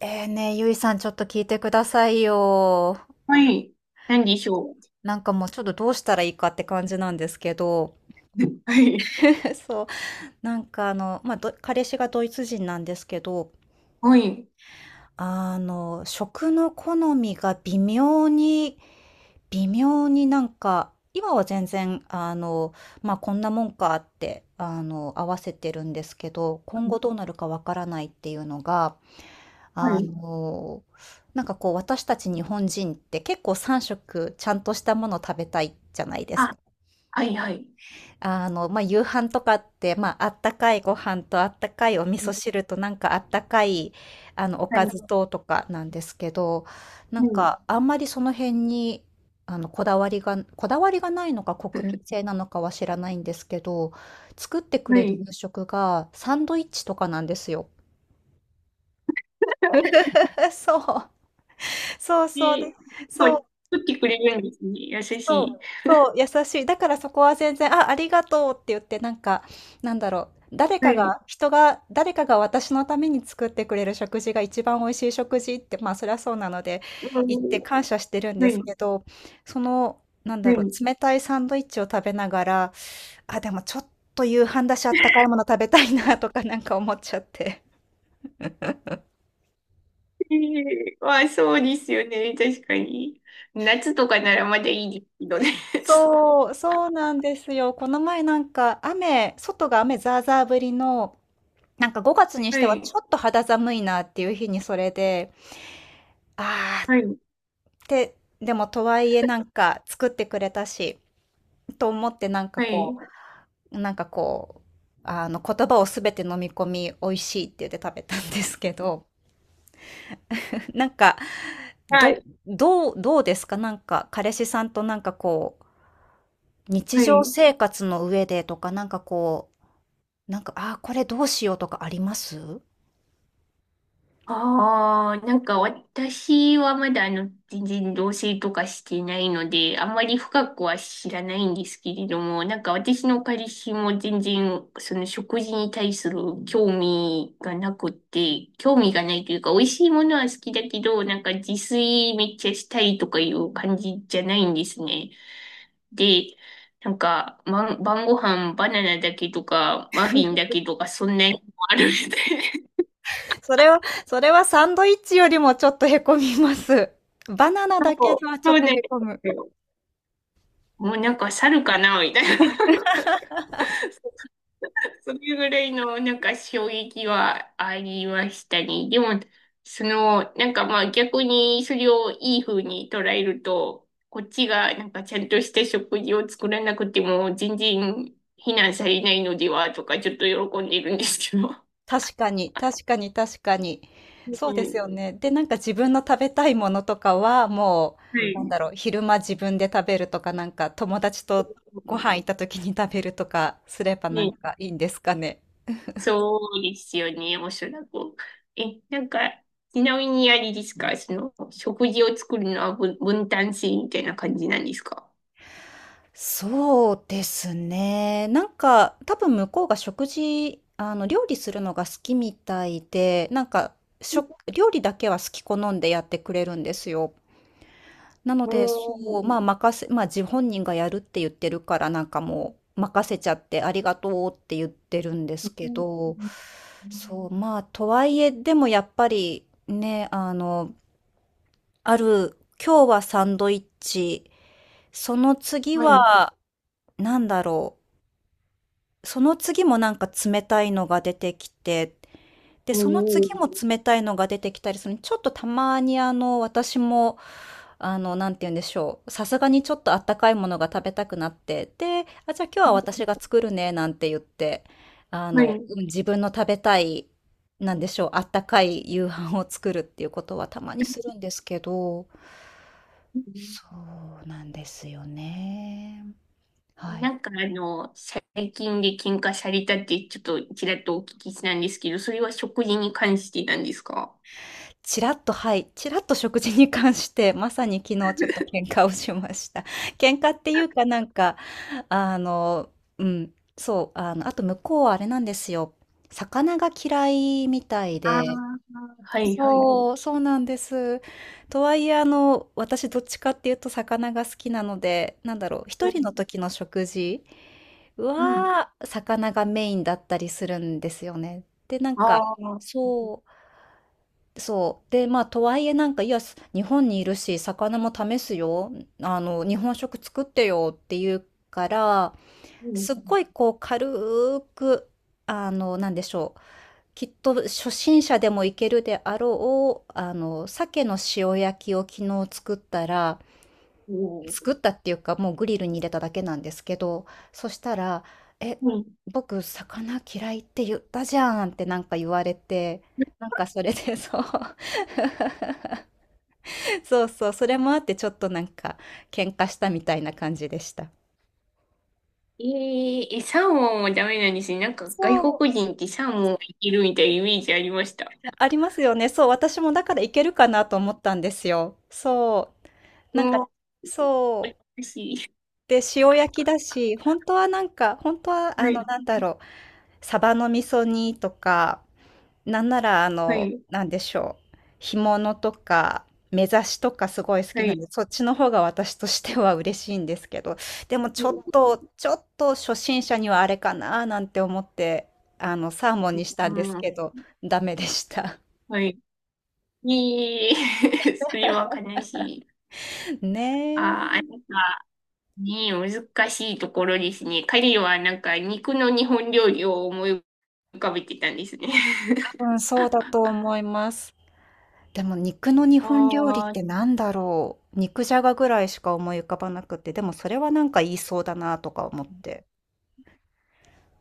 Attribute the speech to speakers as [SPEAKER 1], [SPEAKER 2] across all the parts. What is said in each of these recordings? [SPEAKER 1] ね、ゆいさんちょっと聞いてくださいよ。
[SPEAKER 2] はい。何でしょう。
[SPEAKER 1] なんかもうちょっとどうしたらいいかって感じなんですけど。
[SPEAKER 2] はい。
[SPEAKER 1] そう。なんか彼氏がドイツ人なんですけど、
[SPEAKER 2] はい。
[SPEAKER 1] 食の好みが微妙に、なんか、今は全然、こんなもんかって、合わせてるんですけど、今後どうなるかわからないっていうのが、
[SPEAKER 2] は
[SPEAKER 1] あ
[SPEAKER 2] い。
[SPEAKER 1] の、なんかこう私たち日本人って結構3食ちゃんとしたもの食べたいじゃないです
[SPEAKER 2] あ、
[SPEAKER 1] か。
[SPEAKER 2] はい、はい。
[SPEAKER 1] 夕飯とかって、あったかいご飯とあったかいお味噌汁となんかあったかい、お
[SPEAKER 2] は
[SPEAKER 1] か
[SPEAKER 2] い。
[SPEAKER 1] ずとかなんですけど、なん
[SPEAKER 2] はい。
[SPEAKER 1] かあんまりその辺に、こだわりが、ないのか国民性なのかは知らないんですけど、作ってく
[SPEAKER 2] は
[SPEAKER 1] れる
[SPEAKER 2] い。
[SPEAKER 1] 夕食がサンドイッチとかなんですよ。そう、そうそう。
[SPEAKER 2] で、
[SPEAKER 1] で
[SPEAKER 2] は
[SPEAKER 1] そ
[SPEAKER 2] い。
[SPEAKER 1] う
[SPEAKER 2] 作ってくれるんですね。優し
[SPEAKER 1] そう、
[SPEAKER 2] い。
[SPEAKER 1] そう、優しい。だからそこは全然、あ、ありがとうって言って、なんか、なんだろう、
[SPEAKER 2] はい。
[SPEAKER 1] 誰かが私のために作ってくれる食事が一番美味しい食事って、まあそりゃそうなので、
[SPEAKER 2] う
[SPEAKER 1] 言って
[SPEAKER 2] ん。
[SPEAKER 1] 感謝してるん
[SPEAKER 2] は
[SPEAKER 1] です
[SPEAKER 2] い。
[SPEAKER 1] けど、その、なんだ
[SPEAKER 2] は
[SPEAKER 1] ろ
[SPEAKER 2] い。
[SPEAKER 1] う、冷たいサンドイッチを食べながら、あ、でもちょっと夕飯だし、あったかいもの食べたいなとか なんか思っちゃって。
[SPEAKER 2] えー、あ、そうですよね。確かに。夏とかならまだいいですけどね。
[SPEAKER 1] そう、そうなんですよ。この前なんか外が雨ザーザー降りのなんか5月にし
[SPEAKER 2] は
[SPEAKER 1] てはち
[SPEAKER 2] い。
[SPEAKER 1] ょっと肌寒いなっていう日にそれで、あーっ
[SPEAKER 2] はい。
[SPEAKER 1] て、でもとはいえなんか作ってくれたし、と思って
[SPEAKER 2] はい。
[SPEAKER 1] なんかこう、あの言葉をすべて飲み込み美味しいって言って食べたんですけど、なんか、
[SPEAKER 2] は
[SPEAKER 1] ど、
[SPEAKER 2] い。
[SPEAKER 1] どうですか、なんか彼氏さんとなんかこう、日
[SPEAKER 2] あ、は
[SPEAKER 1] 常
[SPEAKER 2] い。
[SPEAKER 1] 生活の上でとかなんかこう、なんか、あーこれどうしようとかあります？
[SPEAKER 2] ああ、なんか私はまだあの、全然同棲とかしてないので、あんまり深くは知らないんですけれども、なんか私の彼氏も全然その食事に対する興味がなくて、興味がないというか、美味しいものは好きだけど、なんか自炊めっちゃしたいとかいう感じじゃないんですね。で、なんか、ま、晩ご飯バナナだけとか、マフィンだけとか、そんなにもあるみたいな。
[SPEAKER 1] それはそれはサンドイッチよりもちょっとへこみます。バナナだ けで
[SPEAKER 2] そう、
[SPEAKER 1] はちょ
[SPEAKER 2] そ
[SPEAKER 1] っ
[SPEAKER 2] う
[SPEAKER 1] と
[SPEAKER 2] なん
[SPEAKER 1] へ
[SPEAKER 2] で
[SPEAKER 1] こむ。
[SPEAKER 2] すよ。もうなんか猿かなみたいな。なんかそれぐらいのなんか衝撃はありましたね。でも、その、なんかまあ逆にそれをいい風に捉えると、こっちがなんかちゃんとした食事を作らなくても全然非難されないのではとかちょっと喜んでいるんですけど。
[SPEAKER 1] 確かに、確かに確かに。そう
[SPEAKER 2] う
[SPEAKER 1] です
[SPEAKER 2] ん、
[SPEAKER 1] よね。で、なんか自分の食べたいものとかは、も
[SPEAKER 2] は
[SPEAKER 1] う、なん
[SPEAKER 2] い。
[SPEAKER 1] だろう、昼間自分で食べるとか、なんか友達とご飯行った時に食べるとかすればなん
[SPEAKER 2] ね、
[SPEAKER 1] かいいんですかね。
[SPEAKER 2] そうですよね、おそらく。え、なんか、ちなみにあれですか、その、食事を作るのは分担制みたいな感じなんですか？
[SPEAKER 1] そうですね。なんか、多分向こうが食事、あの、料理するのが好きみたいで、なんか、料理だけは好き好んでやってくれるんですよ。なの
[SPEAKER 2] お
[SPEAKER 1] で、そう、
[SPEAKER 2] ー、
[SPEAKER 1] まあ、任せ、まあ、自本人がやるって言ってるから、なんかもう、任せちゃって、ありがとうって言ってるんで
[SPEAKER 2] う
[SPEAKER 1] すけど、
[SPEAKER 2] ん、
[SPEAKER 1] そう、まあ、とはいえ、でもやっぱり、ね、あの、ある、今日はサンドイッチ、その次
[SPEAKER 2] はい。
[SPEAKER 1] は、なんだろう、その次もなんか冷たいのが出てきて、で、
[SPEAKER 2] お
[SPEAKER 1] その次
[SPEAKER 2] ー、
[SPEAKER 1] も冷たいのが出てきたりする。ちょっとたまに私も、なんて言うんでしょう。さすがにちょっとあったかいものが食べたくなって、で、あ、じゃあ今日は私が作るね、なんて言って、
[SPEAKER 2] はい。
[SPEAKER 1] うん、自分の食べたい、なんでしょう、あったかい夕飯を作るっていうことはたまにするんですけど、そうなんですよね。は
[SPEAKER 2] な
[SPEAKER 1] い。
[SPEAKER 2] んかあの、最近で喧嘩されたってちょっとちらっとお聞きしたんですけど、それは食事に関してなんですか？
[SPEAKER 1] ちらっと、はい、ちらっと食事に関して、まさに昨日ちょっと喧嘩をしました。喧嘩っていうか、なんか、あの、うん、そう、あと向こうはあれなんですよ。魚が嫌いみたい
[SPEAKER 2] ああ
[SPEAKER 1] で、
[SPEAKER 2] ー、はいはい。
[SPEAKER 1] そう、そうなんです。とはいえ、私どっちかっていうと魚が好きなので、なんだろう、
[SPEAKER 2] う
[SPEAKER 1] 一人の
[SPEAKER 2] ん。
[SPEAKER 1] 時の食事
[SPEAKER 2] うん。
[SPEAKER 1] は魚がメインだったりするんですよね。で、なんか、
[SPEAKER 2] ああ、
[SPEAKER 1] そう、そう。で、まあ、とはいえなんか、いや、日本にいるし、魚も試すよ。日本食作ってよって言うから、
[SPEAKER 2] うん。
[SPEAKER 1] すっごいこう、軽く、なんでしょう。きっと初心者でもいけるであろう、鮭の塩焼きを昨日作ったら、
[SPEAKER 2] お
[SPEAKER 1] 作ったっていうか、もうグリルに入れただけなんですけど、そしたら、え、
[SPEAKER 2] ー、
[SPEAKER 1] 僕、魚嫌いって言ったじゃんってなんか言われて、なんかそれでそう。そうそう、それもあってちょっとなんか喧嘩したみたいな感じでした。
[SPEAKER 2] えー、え、サーモンはダメなんですね。なんか
[SPEAKER 1] そ
[SPEAKER 2] 外
[SPEAKER 1] う、
[SPEAKER 2] 国人ってサーモンがいけるみたいなイメージありました。
[SPEAKER 1] ありますよね。そう、私もだからいけるかなと思ったんですよ。そう、なん
[SPEAKER 2] も
[SPEAKER 1] か、
[SPEAKER 2] う、
[SPEAKER 1] そう。
[SPEAKER 2] おしい。
[SPEAKER 1] で、塩焼きだし、本当は
[SPEAKER 2] はい、
[SPEAKER 1] なんだろう、サバの味噌煮とか、なんなら
[SPEAKER 2] はい、
[SPEAKER 1] なんでしょう、干物とか、目刺しとかすごい好き
[SPEAKER 2] は
[SPEAKER 1] なん
[SPEAKER 2] い。
[SPEAKER 1] で、そっちの方が私としては嬉しいんですけど、でもちょっと初心者にはあれかななんて思って、サーモンにしたんです
[SPEAKER 2] うん、
[SPEAKER 1] けど、ダメでした。
[SPEAKER 2] はい。えー、それは悲しい。
[SPEAKER 1] ね
[SPEAKER 2] あ
[SPEAKER 1] え、
[SPEAKER 2] ー、あ、なんかね、難しいところですね。彼はなんか肉の日本料理を思い浮かべてたんですね。
[SPEAKER 1] 多 分そうだと思います。でも肉の日
[SPEAKER 2] あ
[SPEAKER 1] 本料理っ
[SPEAKER 2] ー、
[SPEAKER 1] てなんだろう。肉じゃがぐらいしか思い浮かばなくて、でもそれはなんか言いそうだなとか思って。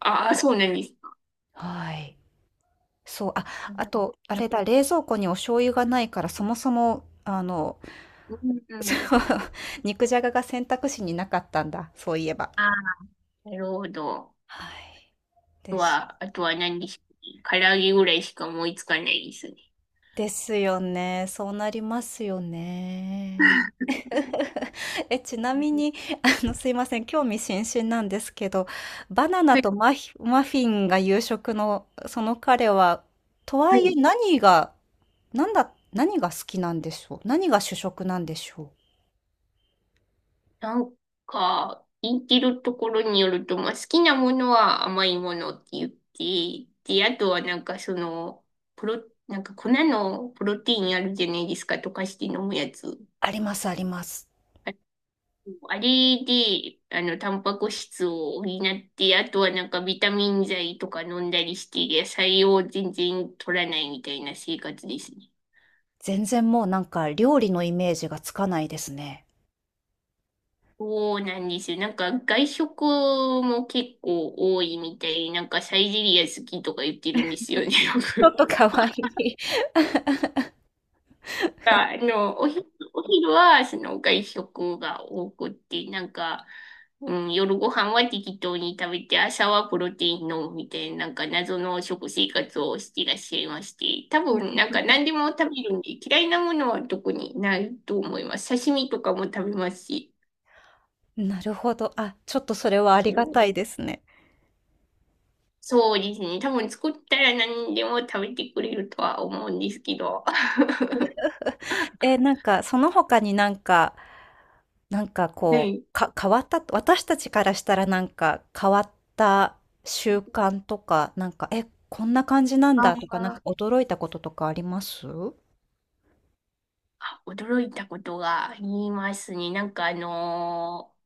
[SPEAKER 2] あー、そうなんですか。
[SPEAKER 1] はい。そう、あ、
[SPEAKER 2] な
[SPEAKER 1] あ
[SPEAKER 2] んか、
[SPEAKER 1] と、あれだ、冷蔵庫にお醤油がないから、そもそも、
[SPEAKER 2] うん、
[SPEAKER 1] そ
[SPEAKER 2] う
[SPEAKER 1] う
[SPEAKER 2] ん。
[SPEAKER 1] 肉じゃがが選択肢になかったんだ、そういえば。
[SPEAKER 2] あー、なるほど。
[SPEAKER 1] はい。です。
[SPEAKER 2] あとは何ですかね。唐揚げぐらいしか思いつかないですね。
[SPEAKER 1] ですよね。そうなりますよね。え、ちなみに、すいません、興味津々なんですけど、バナナ
[SPEAKER 2] はい。
[SPEAKER 1] とマフィンが夕食の、その彼は、とは
[SPEAKER 2] は
[SPEAKER 1] いえ
[SPEAKER 2] い、
[SPEAKER 1] 何が好きなんでしょう？何が主食なんでしょう？
[SPEAKER 2] なんか、言ってるところによると、まあ、好きなものは甘いものって言って、で、あとはなんかその、なんか粉のプロテインあるじゃないですか、溶かして飲むやつ。
[SPEAKER 1] あります、あります。
[SPEAKER 2] あれで、あの、タンパク質を補って、あとはなんかビタミン剤とか飲んだりして、野菜を全然取らないみたいな生活ですね。
[SPEAKER 1] 全然もうなんか料理のイメージがつかないですね。
[SPEAKER 2] そうなんですよ。なんか外食も結構多いみたい。なんかサイゼリア好きとか言ってるんですよね、よ
[SPEAKER 1] ちょっ
[SPEAKER 2] く。
[SPEAKER 1] と可愛い。
[SPEAKER 2] あの、お昼はその外食が多くって、なんか、うん、夜ご飯は適当に食べて、朝はプロテイン飲むみたいな、なんか謎の食生活をしていらっしゃいまして、多分なんか何でも食べるんで、嫌いなものは特にないと思います。刺身とかも食べますし。
[SPEAKER 1] なるほど。あ、ちょっとそれはありが
[SPEAKER 2] そ
[SPEAKER 1] た
[SPEAKER 2] う。
[SPEAKER 1] いですね。
[SPEAKER 2] そうですね。多分作ったら何でも食べてくれるとは思うんですけど。
[SPEAKER 1] え、なんか、その他になんか、なんか
[SPEAKER 2] は
[SPEAKER 1] こう、
[SPEAKER 2] い。
[SPEAKER 1] か、変わった私たちからしたらなんか変わった習慣とか、なんか、え、こんな感じなん だとか、なん
[SPEAKER 2] あ
[SPEAKER 1] か
[SPEAKER 2] あ。
[SPEAKER 1] 驚いたこととかあります？
[SPEAKER 2] 驚いたことがありますね。なんか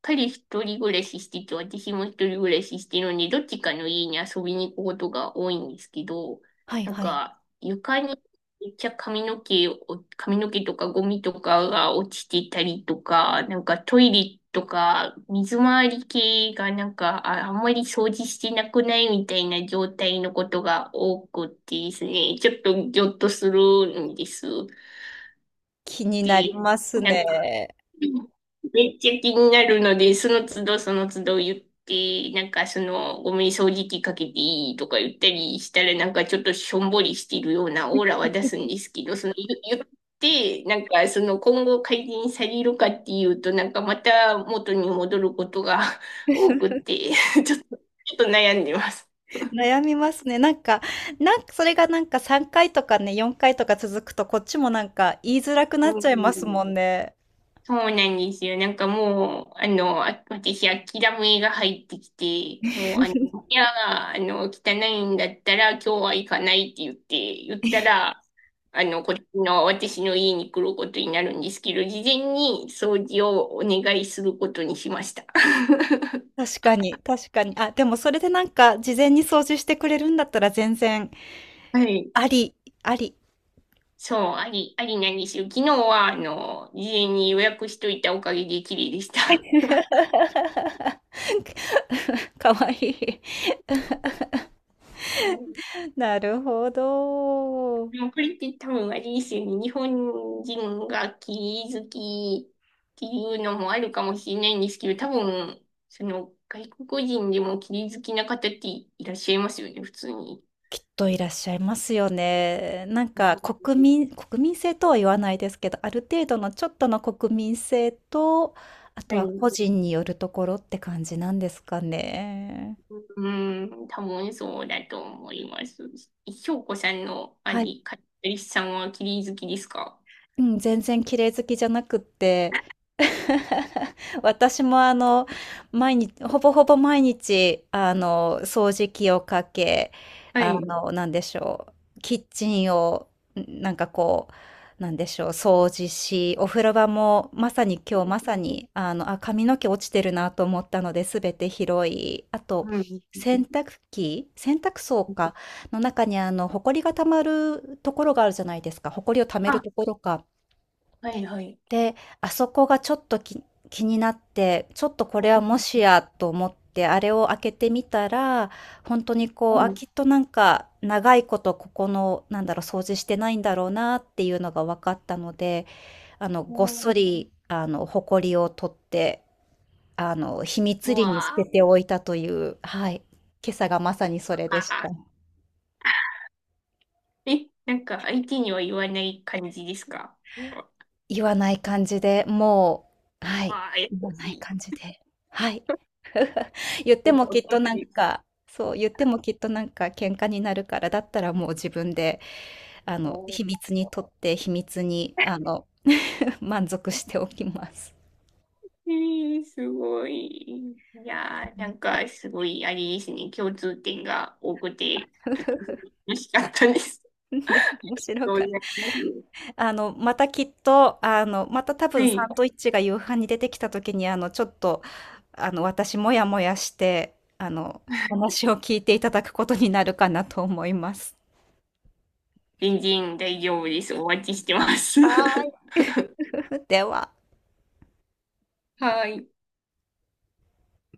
[SPEAKER 2] 彼一人暮らししてて、私も一人暮らししてるので、どっちかの家に遊びに行くことが多いんですけど、
[SPEAKER 1] はい
[SPEAKER 2] なん
[SPEAKER 1] はい。
[SPEAKER 2] か床にめっちゃ髪の毛とかゴミとかが落ちてたりとか、なんかトイレとか水回り系がなんかあんまり掃除してなくないみたいな状態のことが多くてですね、ちょっとギョッとするんです。
[SPEAKER 1] 気になり
[SPEAKER 2] て、
[SPEAKER 1] ます
[SPEAKER 2] なんか、
[SPEAKER 1] ね。
[SPEAKER 2] めっちゃ気になるので、その都度その都度言って、なんかその、ごめん、掃除機かけていいとか言ったりしたら、なんかちょっとしょんぼりしてるようなオーラは出すんですけど、その、言って、なんかその、今後改善されるかっていうと、なんかまた元に戻ることが 多くて、ちょっと、ちょっと悩んでます。
[SPEAKER 1] 悩みますね。なんか、なんかそれがなんか3回とかね、4回とか続くと、こっちもなんか言いづらく
[SPEAKER 2] う
[SPEAKER 1] なっちゃいます
[SPEAKER 2] ん、
[SPEAKER 1] もんね。
[SPEAKER 2] そうなんですよ。なんかもう、あの、あ、私、諦めが入ってきて、もう、あの、いや、あの、汚いんだったら、今日は行かないって言ったら、あの、こっちの、私の家に来ることになるんですけど、事前に掃除をお願いすることにしました。
[SPEAKER 1] 確かに、確かに。あ、でもそれでなんか事前に掃除してくれるんだったら全然
[SPEAKER 2] はい。
[SPEAKER 1] あり、あり。
[SPEAKER 2] そう、ありなんですよ。昨日は、あの、事前に予約しといたおかげで綺麗でした。
[SPEAKER 1] かわいい。
[SPEAKER 2] うん、
[SPEAKER 1] なるほど。
[SPEAKER 2] でもこれって多分あれですよね。日本人がキリ好きっていうのもあるかもしれないんですけど、多分、その外国人でもキリ好きな方っていらっしゃいますよね、普通に。
[SPEAKER 1] きっといらっしゃいますよね。なん
[SPEAKER 2] う
[SPEAKER 1] か
[SPEAKER 2] ん、
[SPEAKER 1] 国民性とは言わないですけど、ある程度のちょっとの国民性と、あと
[SPEAKER 2] は
[SPEAKER 1] は個
[SPEAKER 2] い。
[SPEAKER 1] 人によるところって感じなんですかね。
[SPEAKER 2] うん、多分そうだと思います。翔子さんの
[SPEAKER 1] はい、
[SPEAKER 2] カリスさんはキリ好きですか？
[SPEAKER 1] うん、全然綺麗好きじゃなくって、私もほぼほぼ毎日、掃除機をかけ、
[SPEAKER 2] はい。
[SPEAKER 1] なんでしょう、キッチンを、なんかこう、なんでしょう、掃除し、お風呂場も、まさに今日まさに、あ、髪の毛落ちてるなと思ったので、すべて拾い、あと、
[SPEAKER 2] うん。
[SPEAKER 1] 洗濯機、洗濯槽か、の中に埃が溜まるところがあるじゃないですか、埃を溜める
[SPEAKER 2] あ、
[SPEAKER 1] ところか。
[SPEAKER 2] はいはい。
[SPEAKER 1] で、あそこがちょっと気になって、ちょっとこ
[SPEAKER 2] う
[SPEAKER 1] れは
[SPEAKER 2] ん。
[SPEAKER 1] もしやと思って、あれを開けてみたら、本当にこ
[SPEAKER 2] う
[SPEAKER 1] う、あ、
[SPEAKER 2] ん。
[SPEAKER 1] きっとなんか、長いことここの、なんだろう、掃除してないんだろうなっていうのが分かったので、ごっそり、埃を取って、秘
[SPEAKER 2] う
[SPEAKER 1] 密裏に捨て
[SPEAKER 2] わ
[SPEAKER 1] ておいたという、はい、今朝がまさにそれでした。
[SPEAKER 2] あ。え、なんか相手には言わない感じですか？
[SPEAKER 1] 言わない感じで、もう、はい、
[SPEAKER 2] ああー、優
[SPEAKER 1] 言わな
[SPEAKER 2] し
[SPEAKER 1] い
[SPEAKER 2] い。
[SPEAKER 1] 感じで、はい。言って
[SPEAKER 2] お、
[SPEAKER 1] もき
[SPEAKER 2] 本
[SPEAKER 1] っ
[SPEAKER 2] 当
[SPEAKER 1] となん
[SPEAKER 2] に。
[SPEAKER 1] か、そう、言ってもきっとなんか喧嘩になるから、だったらもう自分で、
[SPEAKER 2] お、
[SPEAKER 1] 秘密に、満足しておきます。
[SPEAKER 2] えー、すごい。いやー、なんかすごい、あれですね、共通点が多くて、嬉しかったです。
[SPEAKER 1] で、面白
[SPEAKER 2] どうご
[SPEAKER 1] か
[SPEAKER 2] ざ
[SPEAKER 1] っ
[SPEAKER 2] います。
[SPEAKER 1] た。またきっと、あの、また多
[SPEAKER 2] は
[SPEAKER 1] 分サ
[SPEAKER 2] い。
[SPEAKER 1] ンドイッチが夕飯に出てきた時に、ちょっと、私もやもやして、話を聞いていただくことになるかなと思います。
[SPEAKER 2] 全然大丈夫です。お待ちしてます。
[SPEAKER 1] は ーい。では。
[SPEAKER 2] はい。